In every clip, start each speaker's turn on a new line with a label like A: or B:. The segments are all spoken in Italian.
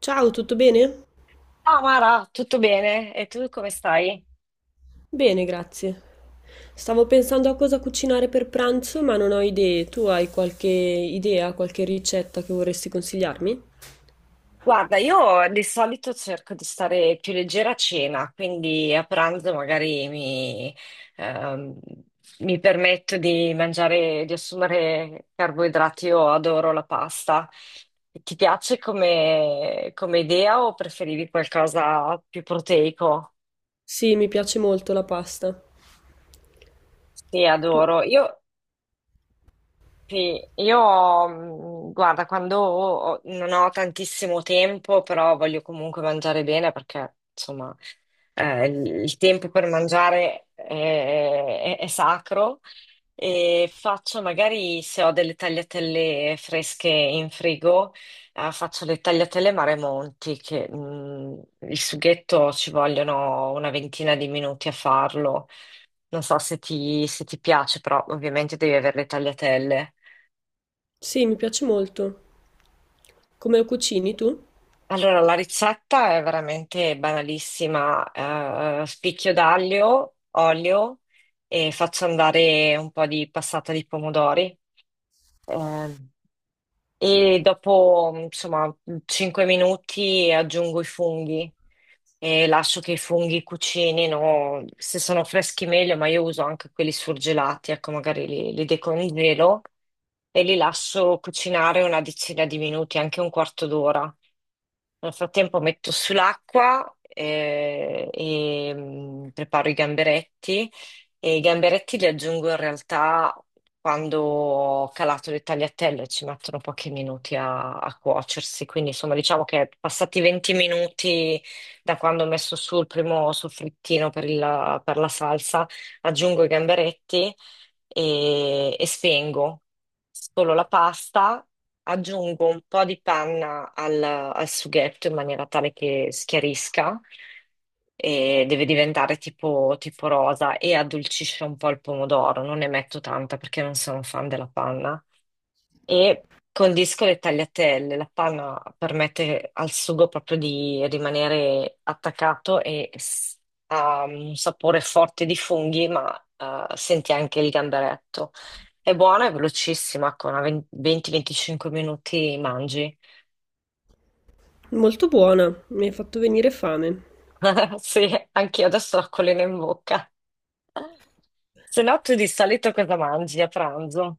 A: Ciao, tutto bene?
B: Ciao Mara, tutto bene? E tu come stai?
A: Bene, grazie. Stavo pensando a cosa cucinare per pranzo, ma non ho idee. Tu hai qualche idea, qualche ricetta che vorresti consigliarmi?
B: Guarda, io di solito cerco di stare più leggera a cena, quindi a pranzo magari ehm, mi permetto di mangiare, di assumere carboidrati. Io adoro la pasta. Ti piace come idea o preferivi qualcosa più proteico?
A: Sì, mi piace molto la pasta.
B: Sì,
A: Tu?
B: adoro. Io Sì, io, guarda, quando non ho tantissimo tempo, però voglio comunque mangiare bene perché, insomma, il tempo per mangiare è sacro e faccio magari, se ho delle tagliatelle fresche in frigo, faccio le tagliatelle Maremonti, che, il sughetto ci vogliono una ventina di minuti a farlo. Non so se ti piace, però ovviamente devi avere le tagliatelle.
A: Sì, mi piace molto. Come la cucini tu?
B: Allora, la ricetta è veramente banalissima, spicchio d'aglio, olio e faccio andare un po' di passata di pomodori. Ehm, e dopo, insomma, 5 minuti aggiungo i funghi e lascio che i funghi cucinino. Se sono freschi meglio, ma io uso anche quelli surgelati, ecco, magari li decongelo e li lascio cucinare una decina di minuti, anche un quarto d'ora. Nel frattempo metto sull'acqua e, preparo i gamberetti e i gamberetti li aggiungo in realtà quando ho calato le tagliatelle, ci mettono pochi minuti a cuocersi, quindi insomma diciamo che passati 20 minuti da quando ho messo su il primo soffrittino per la salsa, aggiungo i gamberetti e spengo. Scolo la pasta, aggiungo un po' di panna al sughetto in maniera tale che schiarisca e deve diventare tipo rosa e addolcisce un po' il pomodoro. Non ne metto tanta perché non sono un fan della panna. E con disco le tagliatelle, la panna permette al sugo proprio di rimanere attaccato e ha un sapore forte di funghi, ma senti anche il gamberetto. È buona e velocissima, con 20-25 minuti mangi.
A: Molto buona, mi hai fatto venire fame.
B: Sì, anch'io adesso ho la collina in bocca. Se no, tu di solito cosa mangi a pranzo?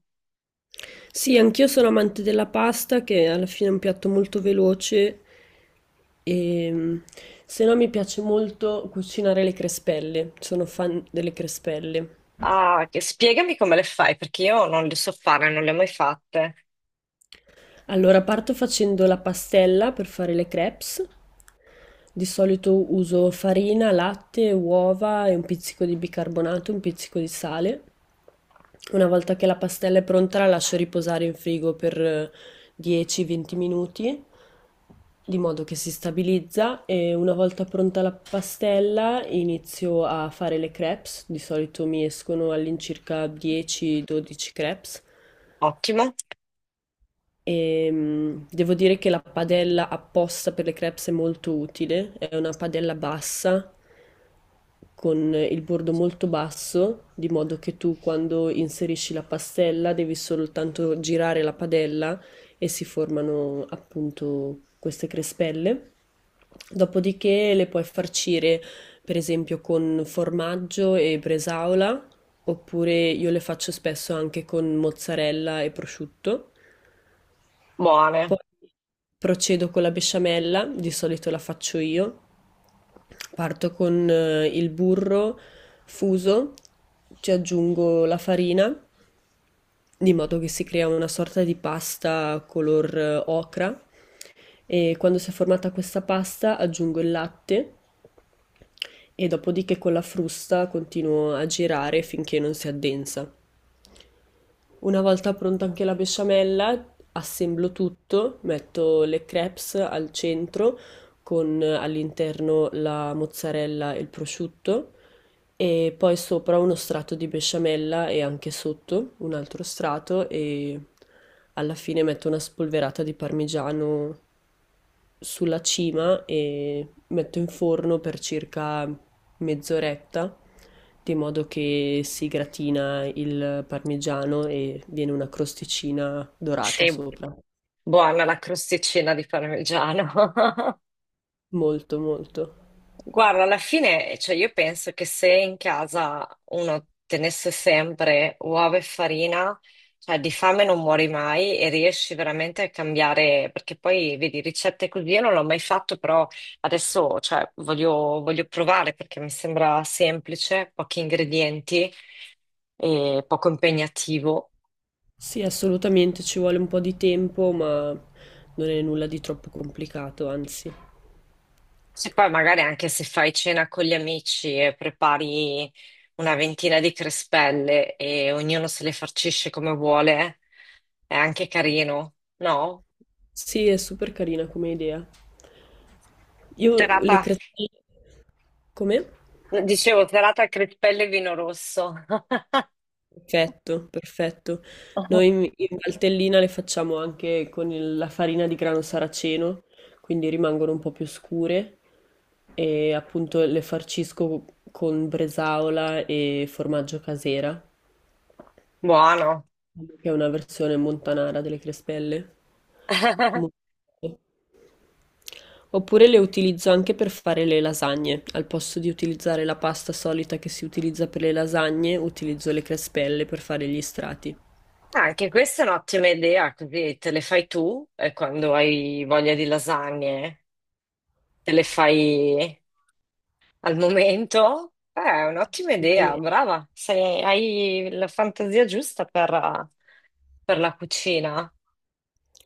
A: Sì, anch'io sono amante della pasta, che alla fine è un piatto molto veloce e se no mi piace molto cucinare le crespelle. Sono fan delle crespelle.
B: Ah, spiegami come le fai, perché io non le so fare, non le ho mai fatte.
A: Allora parto facendo la pastella per fare le crepes. Di solito uso farina, latte, uova e un pizzico di bicarbonato, un pizzico di sale. Una volta che la pastella è pronta la lascio riposare in frigo per 10-20 minuti, di modo che si stabilizza e una volta pronta la pastella inizio a fare le crepes. Di solito mi escono all'incirca 10-12 crepes.
B: Ottimo.
A: Devo dire che la padella apposta per le crepes è molto utile, è una padella bassa con il bordo molto basso, di modo che tu quando inserisci la pastella devi soltanto girare la padella e si formano appunto queste crespelle. Dopodiché le puoi farcire per esempio con formaggio e bresaola, oppure io le faccio spesso anche con mozzarella e prosciutto.
B: Buone,
A: Poi procedo con la besciamella, di solito la faccio io. Parto con il burro fuso, ci aggiungo la farina, di modo che si crea una sorta di pasta color ocra. E quando si è formata questa pasta aggiungo il latte e dopodiché con la frusta continuo a girare finché non si addensa. Una volta pronta anche la besciamella, assemblo tutto, metto le crepes al centro con all'interno la mozzarella e il prosciutto e poi sopra uno strato di besciamella e anche sotto un altro strato e alla fine metto una spolverata di parmigiano sulla cima e metto in forno per circa mezz'oretta, di modo che si gratina il parmigiano e viene una crosticina dorata
B: sì,
A: sopra.
B: buona la crosticina di parmigiano.
A: Molto, molto.
B: Guarda, alla fine, cioè io penso che se in casa uno tenesse sempre uova e farina, cioè di fame non muori mai e riesci veramente a cambiare, perché poi vedi ricette così, io non l'ho mai fatto, però adesso, cioè, voglio provare perché mi sembra semplice, pochi ingredienti e poco impegnativo.
A: Sì, assolutamente, ci vuole un po' di tempo, ma non è nulla di troppo complicato, anzi.
B: Se poi magari anche se fai cena con gli amici e prepari una ventina di crespelle e ognuno se le farcisce come vuole, è anche carino, no?
A: Sì, è super carina come idea. Io
B: Serata,
A: le crestine... Come?
B: dicevo, serata crespelle e vino rosso.
A: Perfetto, perfetto. Noi in Valtellina le facciamo anche con la farina di grano saraceno, quindi rimangono un po' più scure e appunto le farcisco con bresaola e formaggio casera,
B: Buono.
A: che è una versione montanara delle crespelle. Molto buone. Oppure le utilizzo anche per fare le lasagne. Al posto di utilizzare la pasta solita che si utilizza per le lasagne, utilizzo le crespelle per fare gli strati.
B: Anche questa è un'ottima idea, così te le fai tu e quando hai voglia di lasagne te le fai al momento? È un'ottima idea, brava. Hai la fantasia giusta per la cucina.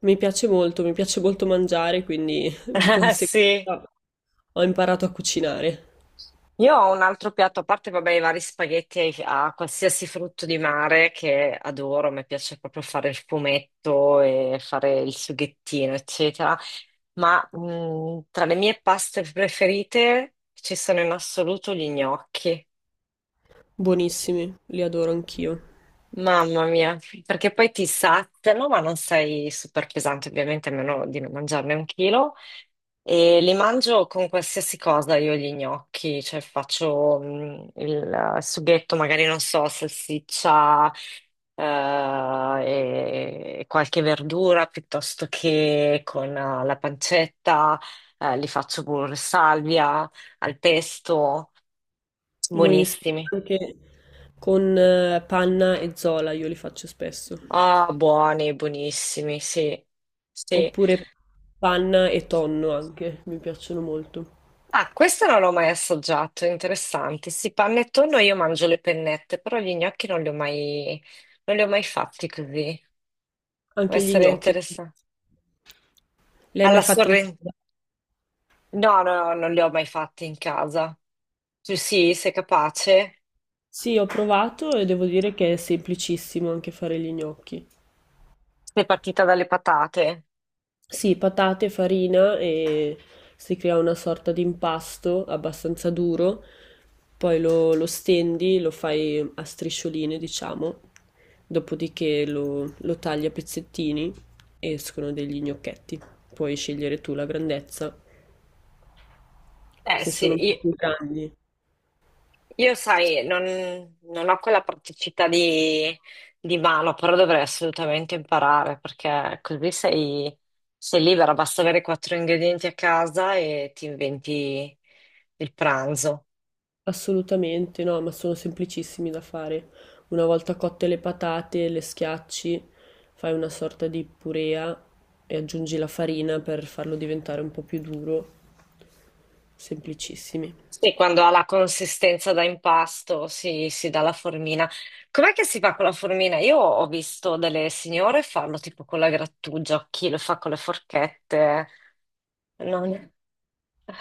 A: Mi piace molto mangiare, quindi di
B: Sì.
A: conseguenza ho imparato a cucinare.
B: Io ho un altro piatto, a parte, vabbè, i vari spaghetti a qualsiasi frutto di mare che adoro, mi piace proprio fare il fumetto e fare il sughettino, eccetera. Ma tra le mie paste preferite ci sono in assoluto gli gnocchi.
A: Buonissimi, li adoro anch'io.
B: Mamma mia, perché poi ti saziano, ma non sei super pesante, ovviamente, a meno di non mangiarne un chilo. E li mangio con qualsiasi cosa, io gli gnocchi, cioè faccio il sughetto, magari non so, salsiccia e qualche verdura, piuttosto che con la pancetta, li faccio pure salvia, al pesto,
A: Buonissimi
B: buonissimi.
A: anche con panna e zola, io li faccio spesso.
B: Ah, buoni, buonissimi, sì. Sì,
A: Oppure panna e tonno anche, mi piacciono molto.
B: ah, questo non l'ho mai assaggiato, interessante. Sì, panettone io mangio le pennette, però gli gnocchi non li ho mai fatti così. Può
A: Anche gli
B: essere
A: gnocchi.
B: interessante.
A: Li hai
B: Alla
A: mai fatti in
B: sorrentino?
A: casa?
B: No, no, no, non li ho mai fatti in casa. Tu sì, sei capace?
A: Sì, ho provato e devo dire che è semplicissimo anche fare gli gnocchi.
B: Sei partita dalle patate?
A: Sì, patate, farina e si crea una sorta di impasto abbastanza duro, poi lo stendi, lo fai a striscioline, diciamo, dopodiché lo tagli a pezzettini e escono degli gnocchetti. Puoi scegliere tu la grandezza,
B: Eh
A: se sono un po'
B: sì,
A: più grandi.
B: io, sai, non ho quella praticità di mano, però dovrei assolutamente imparare perché così sei libera, basta avere quattro ingredienti a casa e ti inventi il pranzo.
A: Assolutamente, no, ma sono semplicissimi da fare. Una volta cotte le patate, le schiacci, fai una sorta di purea e aggiungi la farina per farlo diventare un po' più duro. Semplicissimi.
B: Sì, quando ha la consistenza da impasto si dà la formina. Com'è che si fa con la formina? Io ho visto delle signore farlo tipo con la grattugia, chi lo fa con le forchette. Non.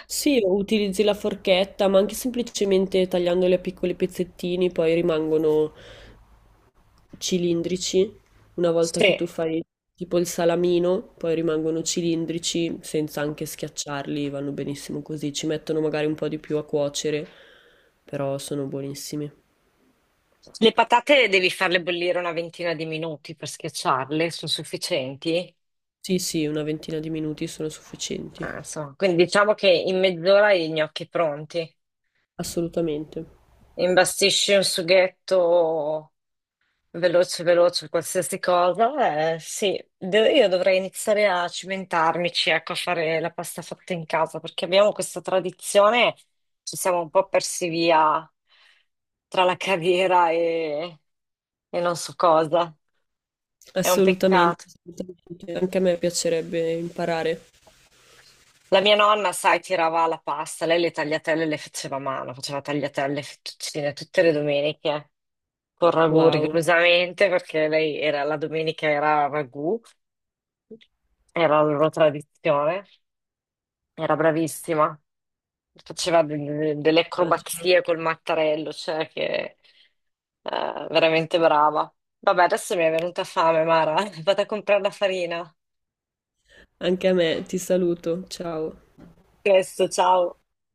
A: Sì, o utilizzi la forchetta, ma anche semplicemente tagliandoli a piccoli pezzettini, poi rimangono cilindrici, una volta che
B: Sì.
A: tu fai tipo il salamino, poi rimangono cilindrici senza anche schiacciarli, vanno benissimo così, ci mettono magari un po' di più a cuocere, però sono buonissimi.
B: Le patate devi farle bollire una ventina di minuti per schiacciarle, sono sufficienti?
A: Sì, sì, una ventina di minuti sono sufficienti,
B: Ah, insomma, quindi diciamo che in mezz'ora hai i gnocchi pronti.
A: assolutamente,
B: Imbastisci un sughetto veloce, veloce, qualsiasi cosa. Eh, sì, io dovrei iniziare a cimentarmici, ecco, a fare la pasta fatta in casa, perché abbiamo questa tradizione, ci siamo un po' persi via tra la carriera e non so cosa. È un
A: assolutamente,
B: peccato.
A: assolutamente. Anche a me piacerebbe imparare.
B: La mia nonna, sai, tirava la pasta, lei le tagliatelle le faceva a mano, faceva tagliatelle, fettuccine tutte le domeniche, con ragù
A: Wow,
B: rigorosamente, perché lei era, la domenica era ragù, era la loro tradizione, era bravissima, faceva delle
A: immagino.
B: acrobazie col mattarello, cioè che veramente brava. Vabbè, adesso mi è venuta fame, Mara, vado a comprare la farina. A
A: Anche a me, ti saluto, ciao.
B: presto, ciao.